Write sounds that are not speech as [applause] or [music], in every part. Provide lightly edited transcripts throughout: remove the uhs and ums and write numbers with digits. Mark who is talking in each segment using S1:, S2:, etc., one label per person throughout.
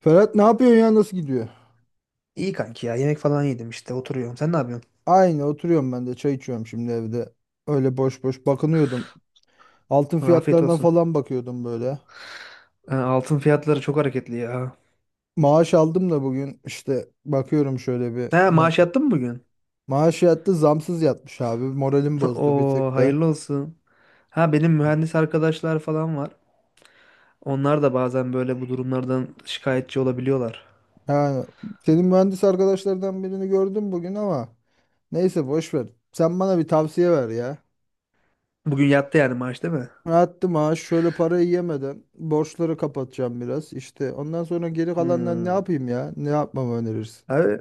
S1: Ferhat ne yapıyorsun ya, nasıl gidiyor?
S2: İyi kanki ya. Yemek falan yedim işte. Oturuyorum. Sen ne yapıyorsun?
S1: Aynı, oturuyorum ben de, çay içiyorum şimdi evde. Öyle boş boş bakınıyordum. Altın
S2: Afiyet
S1: fiyatlarına
S2: olsun.
S1: falan bakıyordum böyle.
S2: Ha, altın fiyatları çok hareketli ya.
S1: Maaş aldım da bugün, işte bakıyorum şöyle bir.
S2: Ha,
S1: Ne?
S2: maaş yattın mı bugün?
S1: Maaş yattı, zamsız yatmış abi. Moralim
S2: [laughs]
S1: bozdu bir
S2: Oo,
S1: tık da.
S2: hayırlı olsun. Ha, benim mühendis arkadaşlar falan var. Onlar da bazen böyle bu durumlardan şikayetçi olabiliyorlar.
S1: Yani senin mühendis arkadaşlardan birini gördüm bugün ama neyse, boş ver. Sen bana bir tavsiye ver ya.
S2: Bugün yattı yani maaş değil mi?
S1: Attı maaş, şöyle parayı yemeden borçları kapatacağım biraz. İşte ondan sonra geri kalanlar ne
S2: Hmm.
S1: yapayım ya? Ne yapmamı önerirsin?
S2: Abi,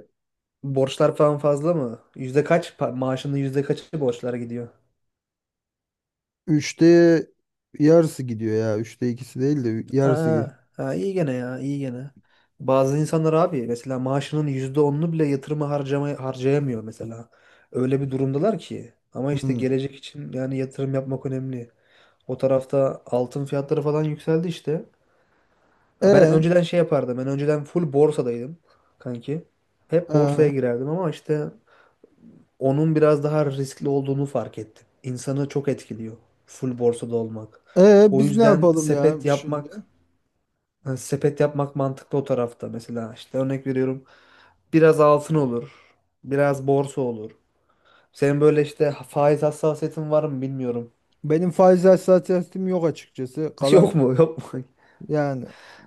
S2: borçlar falan fazla mı? Yüzde kaç? Maaşının yüzde kaçı borçlara gidiyor?
S1: Üçte yarısı gidiyor ya. Üçte ikisi değil de yarısı
S2: Aa,
S1: gidiyor.
S2: ha, iyi gene ya, iyi gene. Bazı insanlar abi, mesela maaşının %10'unu bile yatırıma harcayamıyor mesela. Öyle bir durumdalar ki. Ama işte
S1: Hmm.
S2: gelecek için yani yatırım yapmak önemli. O tarafta altın fiyatları falan yükseldi işte. Ya, ben
S1: E,
S2: önceden şey yapardım. Ben önceden full borsadaydım kanki. Hep
S1: e,
S2: borsaya girerdim ama işte onun biraz daha riskli olduğunu fark ettim. İnsanı çok etkiliyor full borsada olmak. O
S1: Biz ne
S2: yüzden
S1: yapalım ya
S2: sepet yapmak,
S1: şimdi?
S2: yani sepet yapmak mantıklı o tarafta. Mesela işte örnek veriyorum, biraz altın olur, biraz borsa olur. Senin böyle işte faiz hassasiyetin var mı bilmiyorum.
S1: Benim faiz hassasiyetim yok açıkçası.
S2: [laughs] Yok
S1: Kalan,
S2: mu, yok mu?
S1: yani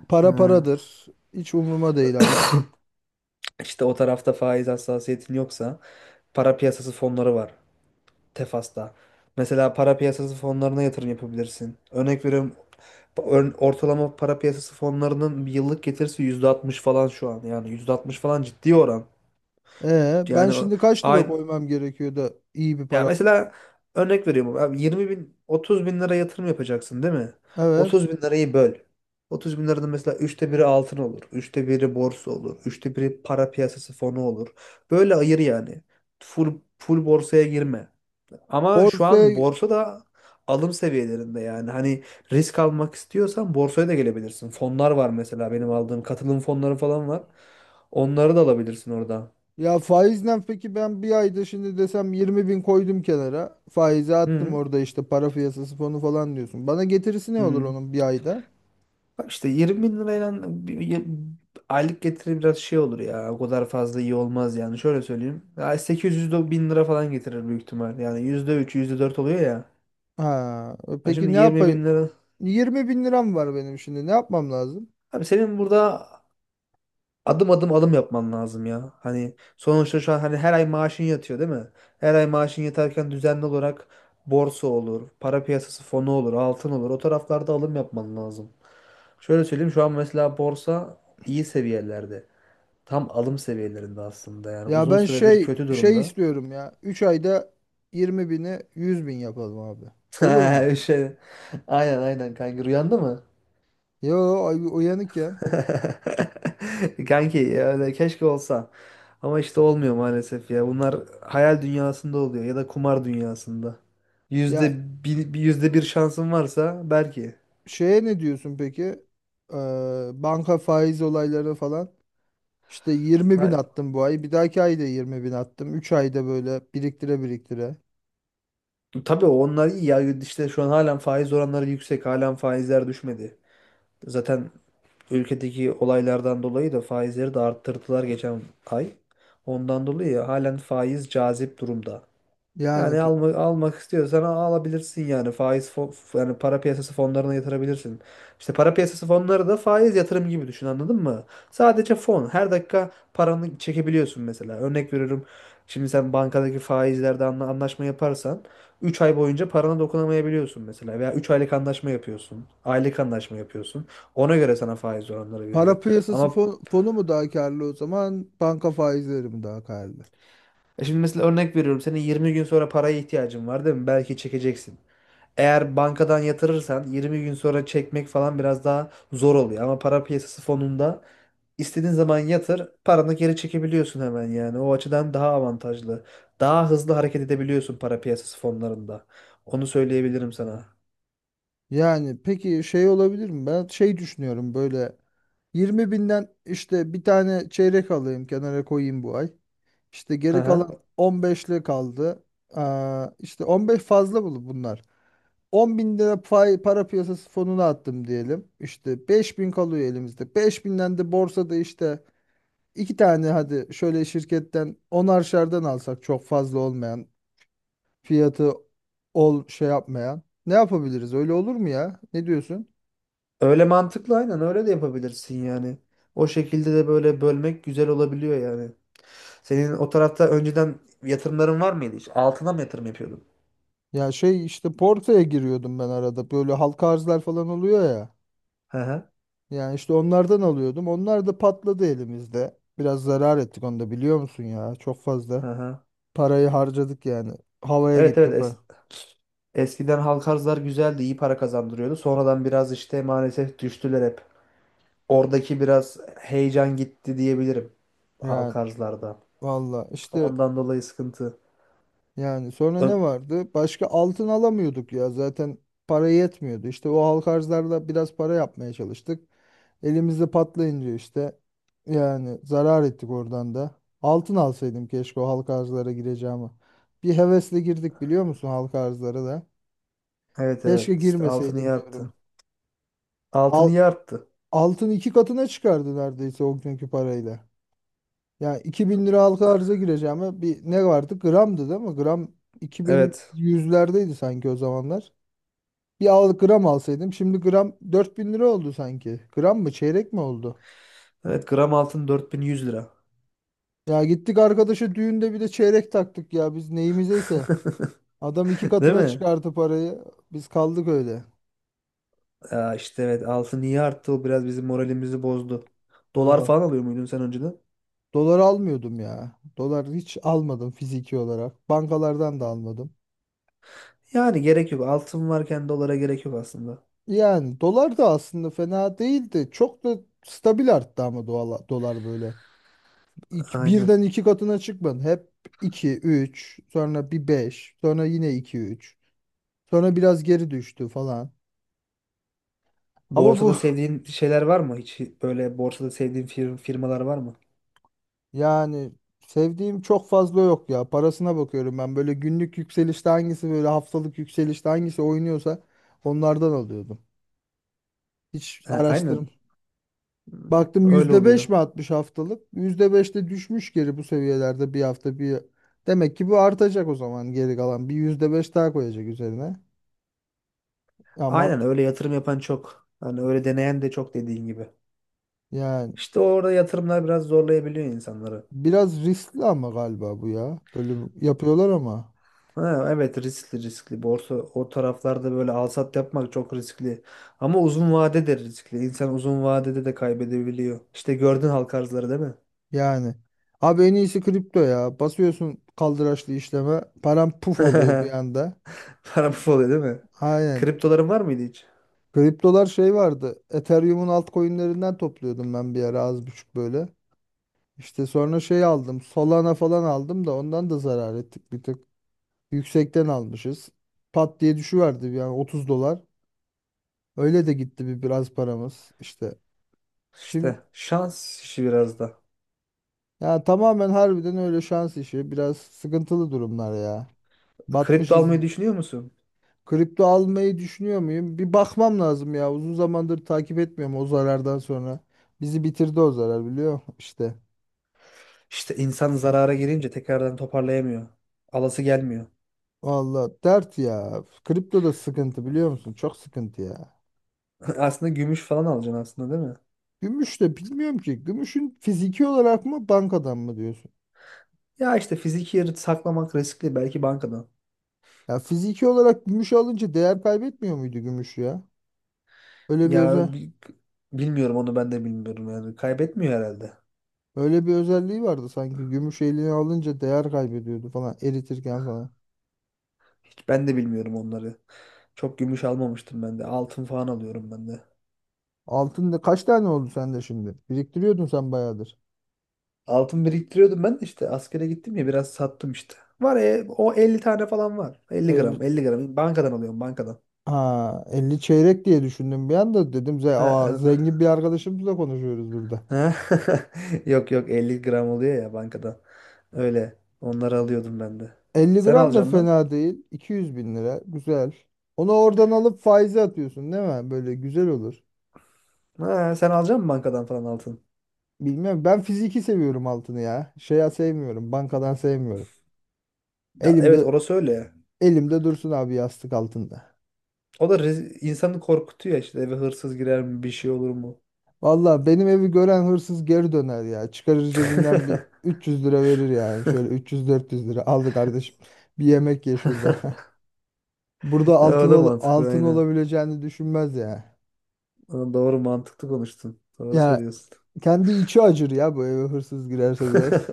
S1: para
S2: Ha.
S1: paradır. Hiç umruma değil artık.
S2: İşte o tarafta faiz hassasiyetin yoksa para piyasası fonları var Tefas'ta. Mesela para piyasası fonlarına yatırım yapabilirsin. Örnek veriyorum, ortalama para piyasası fonlarının bir yıllık getirisi %60 falan şu an. Yani %60 falan ciddi oran.
S1: Ben
S2: Yani
S1: şimdi kaç lira
S2: aynı.
S1: koymam gerekiyor da iyi bir
S2: Ya
S1: para?
S2: mesela örnek veriyorum abi, 20 bin 30 bin lira yatırım yapacaksın değil mi?
S1: Evet.
S2: 30 bin lirayı böl. 30 bin liranın mesela üçte biri altın olur, üçte biri borsa olur, üçte biri para piyasası fonu olur. Böyle ayır yani. Full borsaya girme. Ama şu an
S1: Borsaya
S2: borsa da alım seviyelerinde yani. Hani risk almak istiyorsan borsaya da gelebilirsin. Fonlar var, mesela benim aldığım katılım fonları falan var. Onları da alabilirsin orada.
S1: Ya faizle peki ben bir ayda şimdi desem 20 bin koydum kenara. Faize attım
S2: Hı
S1: orada, işte para piyasası fonu falan diyorsun. Bana getirisi ne olur
S2: hı.
S1: onun bir ayda?
S2: Bak, işte 20 bin lirayla bir- bir- aylık getiri biraz şey olur ya. O kadar fazla iyi olmaz yani. Şöyle söyleyeyim, ya 800 de bin lira falan getirir büyük ihtimal. Yani %3 yüzde dört oluyor ya.
S1: Ha,
S2: Ha,
S1: peki
S2: şimdi
S1: ne
S2: 20 bin
S1: yapayım?
S2: lira.
S1: 20 bin liram var benim şimdi. Ne yapmam lazım?
S2: Abi, senin burada adım adım adım yapman lazım ya. Hani sonuçta şu an hani her ay maaşın yatıyor değil mi? Her ay maaşın yatarken düzenli olarak borsa olur, para piyasası fonu olur, altın olur. O taraflarda alım yapman lazım. Şöyle söyleyeyim, şu an mesela borsa iyi seviyelerde. Tam alım seviyelerinde aslında yani.
S1: Ya
S2: Uzun
S1: ben
S2: süredir
S1: şey
S2: kötü
S1: şey
S2: durumda.
S1: istiyorum ya. 3 ayda 20 bini 100 bin yapalım abi. Olur mu?
S2: [laughs] Şey, aynen aynen kanki. Rüyanda mı?
S1: Yo, uyanıkken.
S2: [laughs] Kanki, yani keşke olsa. Ama işte olmuyor maalesef ya. Bunlar hayal dünyasında oluyor ya da kumar dünyasında. Yüzde
S1: Ya
S2: yüzde bir şansın varsa belki.
S1: şeye ne diyorsun peki? Ee, Banka faiz olayları falan. İşte 20
S2: Ha,
S1: bin attım bu ay. Bir dahaki ayda 20 bin attım. 3 ayda böyle biriktire biriktire.
S2: tabii onlar iyi ya. İşte şu an halen faiz oranları yüksek. Halen faizler düşmedi. Zaten ülkedeki olaylardan dolayı da faizleri de arttırdılar geçen ay. Ondan dolayı halen faiz cazip durumda.
S1: Yani
S2: Yani almak istiyorsan alabilirsin yani faiz yani para piyasası fonlarına yatırabilirsin. İşte para piyasası fonları da faiz yatırım gibi düşün, anladın mı? Sadece fon. Her dakika paranı çekebiliyorsun mesela. Örnek veriyorum, şimdi sen bankadaki faizlerde anlaşma yaparsan 3 ay boyunca parana dokunamayabiliyorsun mesela, veya 3 aylık anlaşma yapıyorsun, aylık anlaşma yapıyorsun. Ona göre sana faiz oranları veriyor.
S1: para piyasası
S2: Ama
S1: fonu mu daha karlı o zaman? Banka faizleri mi daha karlı?
S2: şimdi mesela örnek veriyorum, senin 20 gün sonra paraya ihtiyacın var değil mi? Belki çekeceksin. Eğer bankadan yatırırsan 20 gün sonra çekmek falan biraz daha zor oluyor. Ama para piyasası fonunda istediğin zaman yatır, paranı geri çekebiliyorsun hemen yani. O açıdan daha avantajlı. Daha hızlı hareket edebiliyorsun para piyasası fonlarında. Onu söyleyebilirim sana.
S1: Yani peki şey olabilir mi? Ben şey düşünüyorum böyle, 20 binden işte bir tane çeyrek alayım, kenara koyayım bu ay. İşte
S2: Hı
S1: geri
S2: hı.
S1: kalan 15'li kaldı. Aa, işte 15 fazla bulu bunlar. 10 bin lira para piyasası fonuna attım diyelim. İşte 5 bin kalıyor elimizde. 5 binden de borsada işte iki tane, hadi şöyle şirketten onarşardan alsak, çok fazla olmayan fiyatı şey yapmayan. Ne yapabiliriz? Öyle olur mu ya? Ne diyorsun?
S2: Öyle mantıklı, aynen öyle de yapabilirsin yani. O şekilde de böyle bölmek güzel olabiliyor yani. Senin o tarafta önceden yatırımların var mıydı hiç? Altına mı yatırım yapıyordun?
S1: Ya şey işte Porto'ya giriyordum ben arada. Böyle halka arzlar falan oluyor ya.
S2: Hı hı.
S1: Yani işte onlardan alıyordum. Onlar da patladı elimizde. Biraz zarar ettik, onu da biliyor musun ya? Çok fazla.
S2: Hı hı.
S1: Parayı harcadık yani. Havaya
S2: Evet
S1: gitti
S2: evet,
S1: pa.
S2: eskiden halk arzlar güzeldi, iyi para kazandırıyordu. Sonradan biraz işte maalesef düştüler hep. Oradaki biraz heyecan gitti diyebilirim halk
S1: Yani
S2: arzlarda.
S1: valla işte
S2: Ondan dolayı sıkıntı.
S1: yani sonra
S2: Ö-
S1: ne vardı? Başka altın alamıyorduk ya. Zaten para yetmiyordu. İşte o halka arzlarla biraz para yapmaya çalıştık. Elimizde patlayınca işte, yani zarar ettik oradan da. Altın alsaydım keşke, o halka arzlara gireceğimi. Bir hevesle girdik, biliyor musun, halka arzlara da.
S2: Evet
S1: Keşke
S2: evet, işte altın
S1: girmeseydim
S2: iyi arttı.
S1: diyorum.
S2: Altın
S1: Al,
S2: iyi arttı.
S1: Altın iki katına çıkardı neredeyse o günkü parayla. Yani 2.000 lira halka arza gireceğime, bir ne vardı? Gramdı değil mi? Gram iki bin
S2: Evet.
S1: yüzlerdeydi sanki o zamanlar. Bir gram alsaydım, şimdi gram 4.000 lira oldu sanki. Gram mı çeyrek mi oldu?
S2: Evet, gram altın 4.100 lira.
S1: Ya gittik arkadaşa düğünde bir de çeyrek taktık ya, biz neyimizeyse. Adam iki
S2: [laughs] Değil
S1: katına
S2: mi?
S1: çıkarttı parayı. Biz kaldık öyle.
S2: Ya işte evet, altın iyi arttı, o biraz bizim moralimizi bozdu. Dolar
S1: Valla.
S2: falan alıyor muydun sen önceden?
S1: Dolar almıyordum ya. Dolar hiç almadım fiziki olarak. Bankalardan da almadım.
S2: Yani gerek yok. Altın varken dolara gerek yok aslında.
S1: Yani dolar da aslında fena değildi. Çok da stabil arttı ama dolar, dolar böyle.
S2: Aynen.
S1: Birden iki katına çıkmadı. Hep 2 3 sonra bir 5 sonra yine 2 üç, sonra biraz geri düştü falan. Ama bu
S2: Borsada
S1: [laughs]
S2: sevdiğin şeyler var mı? Hiç böyle borsada sevdiğin firmalar var mı?
S1: Yani sevdiğim çok fazla yok ya. Parasına bakıyorum ben. Böyle günlük yükselişte hangisi, böyle haftalık yükselişte hangisi oynuyorsa onlardan alıyordum. Hiç
S2: Ha, aynen.
S1: araştırım. Baktım
S2: Öyle
S1: %5
S2: oluyor.
S1: mi atmış haftalık? %5'te düşmüş geri, bu seviyelerde bir hafta bir. Demek ki bu artacak o zaman geri kalan. Bir %5 daha koyacak üzerine. Ama
S2: Aynen, öyle yatırım yapan çok. Hani öyle deneyen de çok dediğin gibi.
S1: yani
S2: İşte orada yatırımlar biraz zorlayabiliyor insanları.
S1: biraz riskli ama galiba bu ya. Böyle yapıyorlar ama.
S2: Ha, evet, riskli riskli. Borsa o taraflarda böyle al sat yapmak çok riskli. Ama uzun vadede riskli. İnsan uzun vadede de kaybedebiliyor. İşte gördün halk arzları, değil mi?
S1: Yani. Abi en iyisi kripto ya. Basıyorsun kaldıraçlı işleme. Param puf oluyor bir
S2: [laughs]
S1: anda.
S2: Para bu oluyor değil mi?
S1: Aynen.
S2: Kriptoların var mıydı hiç?
S1: Kriptolar şey vardı. Ethereum'un altcoin'lerinden topluyordum ben bir ara az buçuk böyle. İşte sonra şey aldım. Solana falan aldım da ondan da zarar ettik bir tık. Yüksekten almışız. Pat diye düşüverdi, yani 30 dolar. Öyle de gitti bir, biraz paramız işte. Şimdi
S2: İşte şans işi biraz da.
S1: ya tamamen harbiden öyle şans işi. Biraz sıkıntılı durumlar ya.
S2: Kripto
S1: Batmışız.
S2: almayı düşünüyor musun?
S1: Kripto almayı düşünüyor muyum? Bir bakmam lazım ya. Uzun zamandır takip etmiyorum o zarardan sonra. Bizi bitirdi o zarar, biliyor musun? İşte.
S2: İşte insan zarara girince tekrardan toparlayamıyor. Alası gelmiyor.
S1: Vallahi dert ya. Kripto da sıkıntı biliyor musun? Çok sıkıntı ya.
S2: [laughs] Aslında gümüş falan alacaksın aslında, değil mi?
S1: Gümüş de bilmiyorum ki. Gümüşün fiziki olarak mı bankadan mı diyorsun?
S2: Ya işte fiziki yeri saklamak riskli, belki bankadan.
S1: Ya fiziki olarak gümüş alınca değer kaybetmiyor muydu gümüş ya? Öyle bir
S2: Ya
S1: özel
S2: bilmiyorum, onu ben de bilmiyorum yani. Kaybetmiyor herhalde.
S1: Öyle bir özelliği vardı sanki. Gümüş eline alınca değer kaybediyordu falan, eritirken falan.
S2: Hiç ben de bilmiyorum onları. Çok gümüş almamıştım ben de. Altın falan alıyorum ben de.
S1: Altın da kaç tane oldu sende şimdi? Biriktiriyordun sen bayağıdır.
S2: Altın biriktiriyordum ben de, işte askere gittim ya, biraz sattım işte. Var ya, o 50 tane falan var. 50 gram
S1: El,
S2: 50 gram bankadan alıyorum, bankadan.
S1: ha, 50 çeyrek diye düşündüm bir anda, dedim
S2: Ha.
S1: zengin bir arkadaşımızla konuşuyoruz burada.
S2: Ha? [laughs] Yok yok, 50 gram oluyor ya bankada. Öyle. Onları alıyordum ben de.
S1: 50
S2: Sen
S1: gram da
S2: alacaksın mı?
S1: fena değil. 200 bin lira güzel. Onu oradan alıp faize atıyorsun değil mi? Böyle güzel olur.
S2: Ha, sen alacak mısın bankadan falan altın?
S1: Bilmiyorum, ben fiziki seviyorum altını ya. Şeye sevmiyorum, bankadan sevmiyorum.
S2: Ya, evet,
S1: Elimde
S2: orası öyle ya.
S1: elimde dursun abi, yastık altında.
S2: O da insanı korkutuyor işte, eve hırsız girer mi, bir şey olur mu?
S1: Vallahi benim evi gören hırsız geri döner ya. Çıkarır cebinden bir
S2: [laughs]
S1: 300 lira verir yani. Şöyle 300-400 lira aldı kardeşim. Bir yemek ye şurada. [laughs] Burada
S2: O da mantıklı,
S1: altın
S2: aynen.
S1: olabileceğini düşünmez ya.
S2: Ama doğru, mantıklı konuştun. Doğru
S1: Ya
S2: söylüyorsun.
S1: kendi içi acır ya, bu eve hırsız girerse biraz.
S2: [laughs]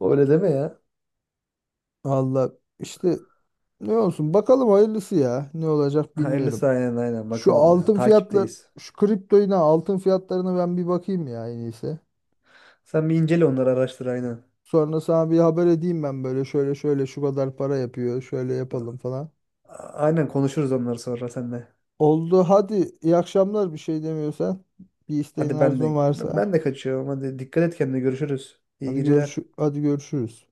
S2: Öyle deme ya.
S1: Valla işte, ne olsun bakalım, hayırlısı ya. Ne olacak
S2: Hayırlısı,
S1: bilmiyorum.
S2: aynen aynen
S1: Şu
S2: bakalım ya.
S1: altın fiyatlar,
S2: Takipteyiz.
S1: şu kriptoyun, ha, altın fiyatlarına ben bir bakayım ya, en iyisi.
S2: Sen bir incele onları, araştır aynen.
S1: Sonra sana bir haber edeyim ben, böyle şöyle şöyle şu kadar para yapıyor, şöyle yapalım falan.
S2: Aynen, konuşuruz onları sonra seninle.
S1: Oldu, hadi iyi akşamlar, bir şey demiyorsan, bir isteğin
S2: Hadi ben
S1: arzun
S2: de
S1: varsa,
S2: ben de kaçıyorum. Hadi dikkat et kendine. Görüşürüz. İyi
S1: hadi
S2: geceler.
S1: görüş hadi görüşürüz.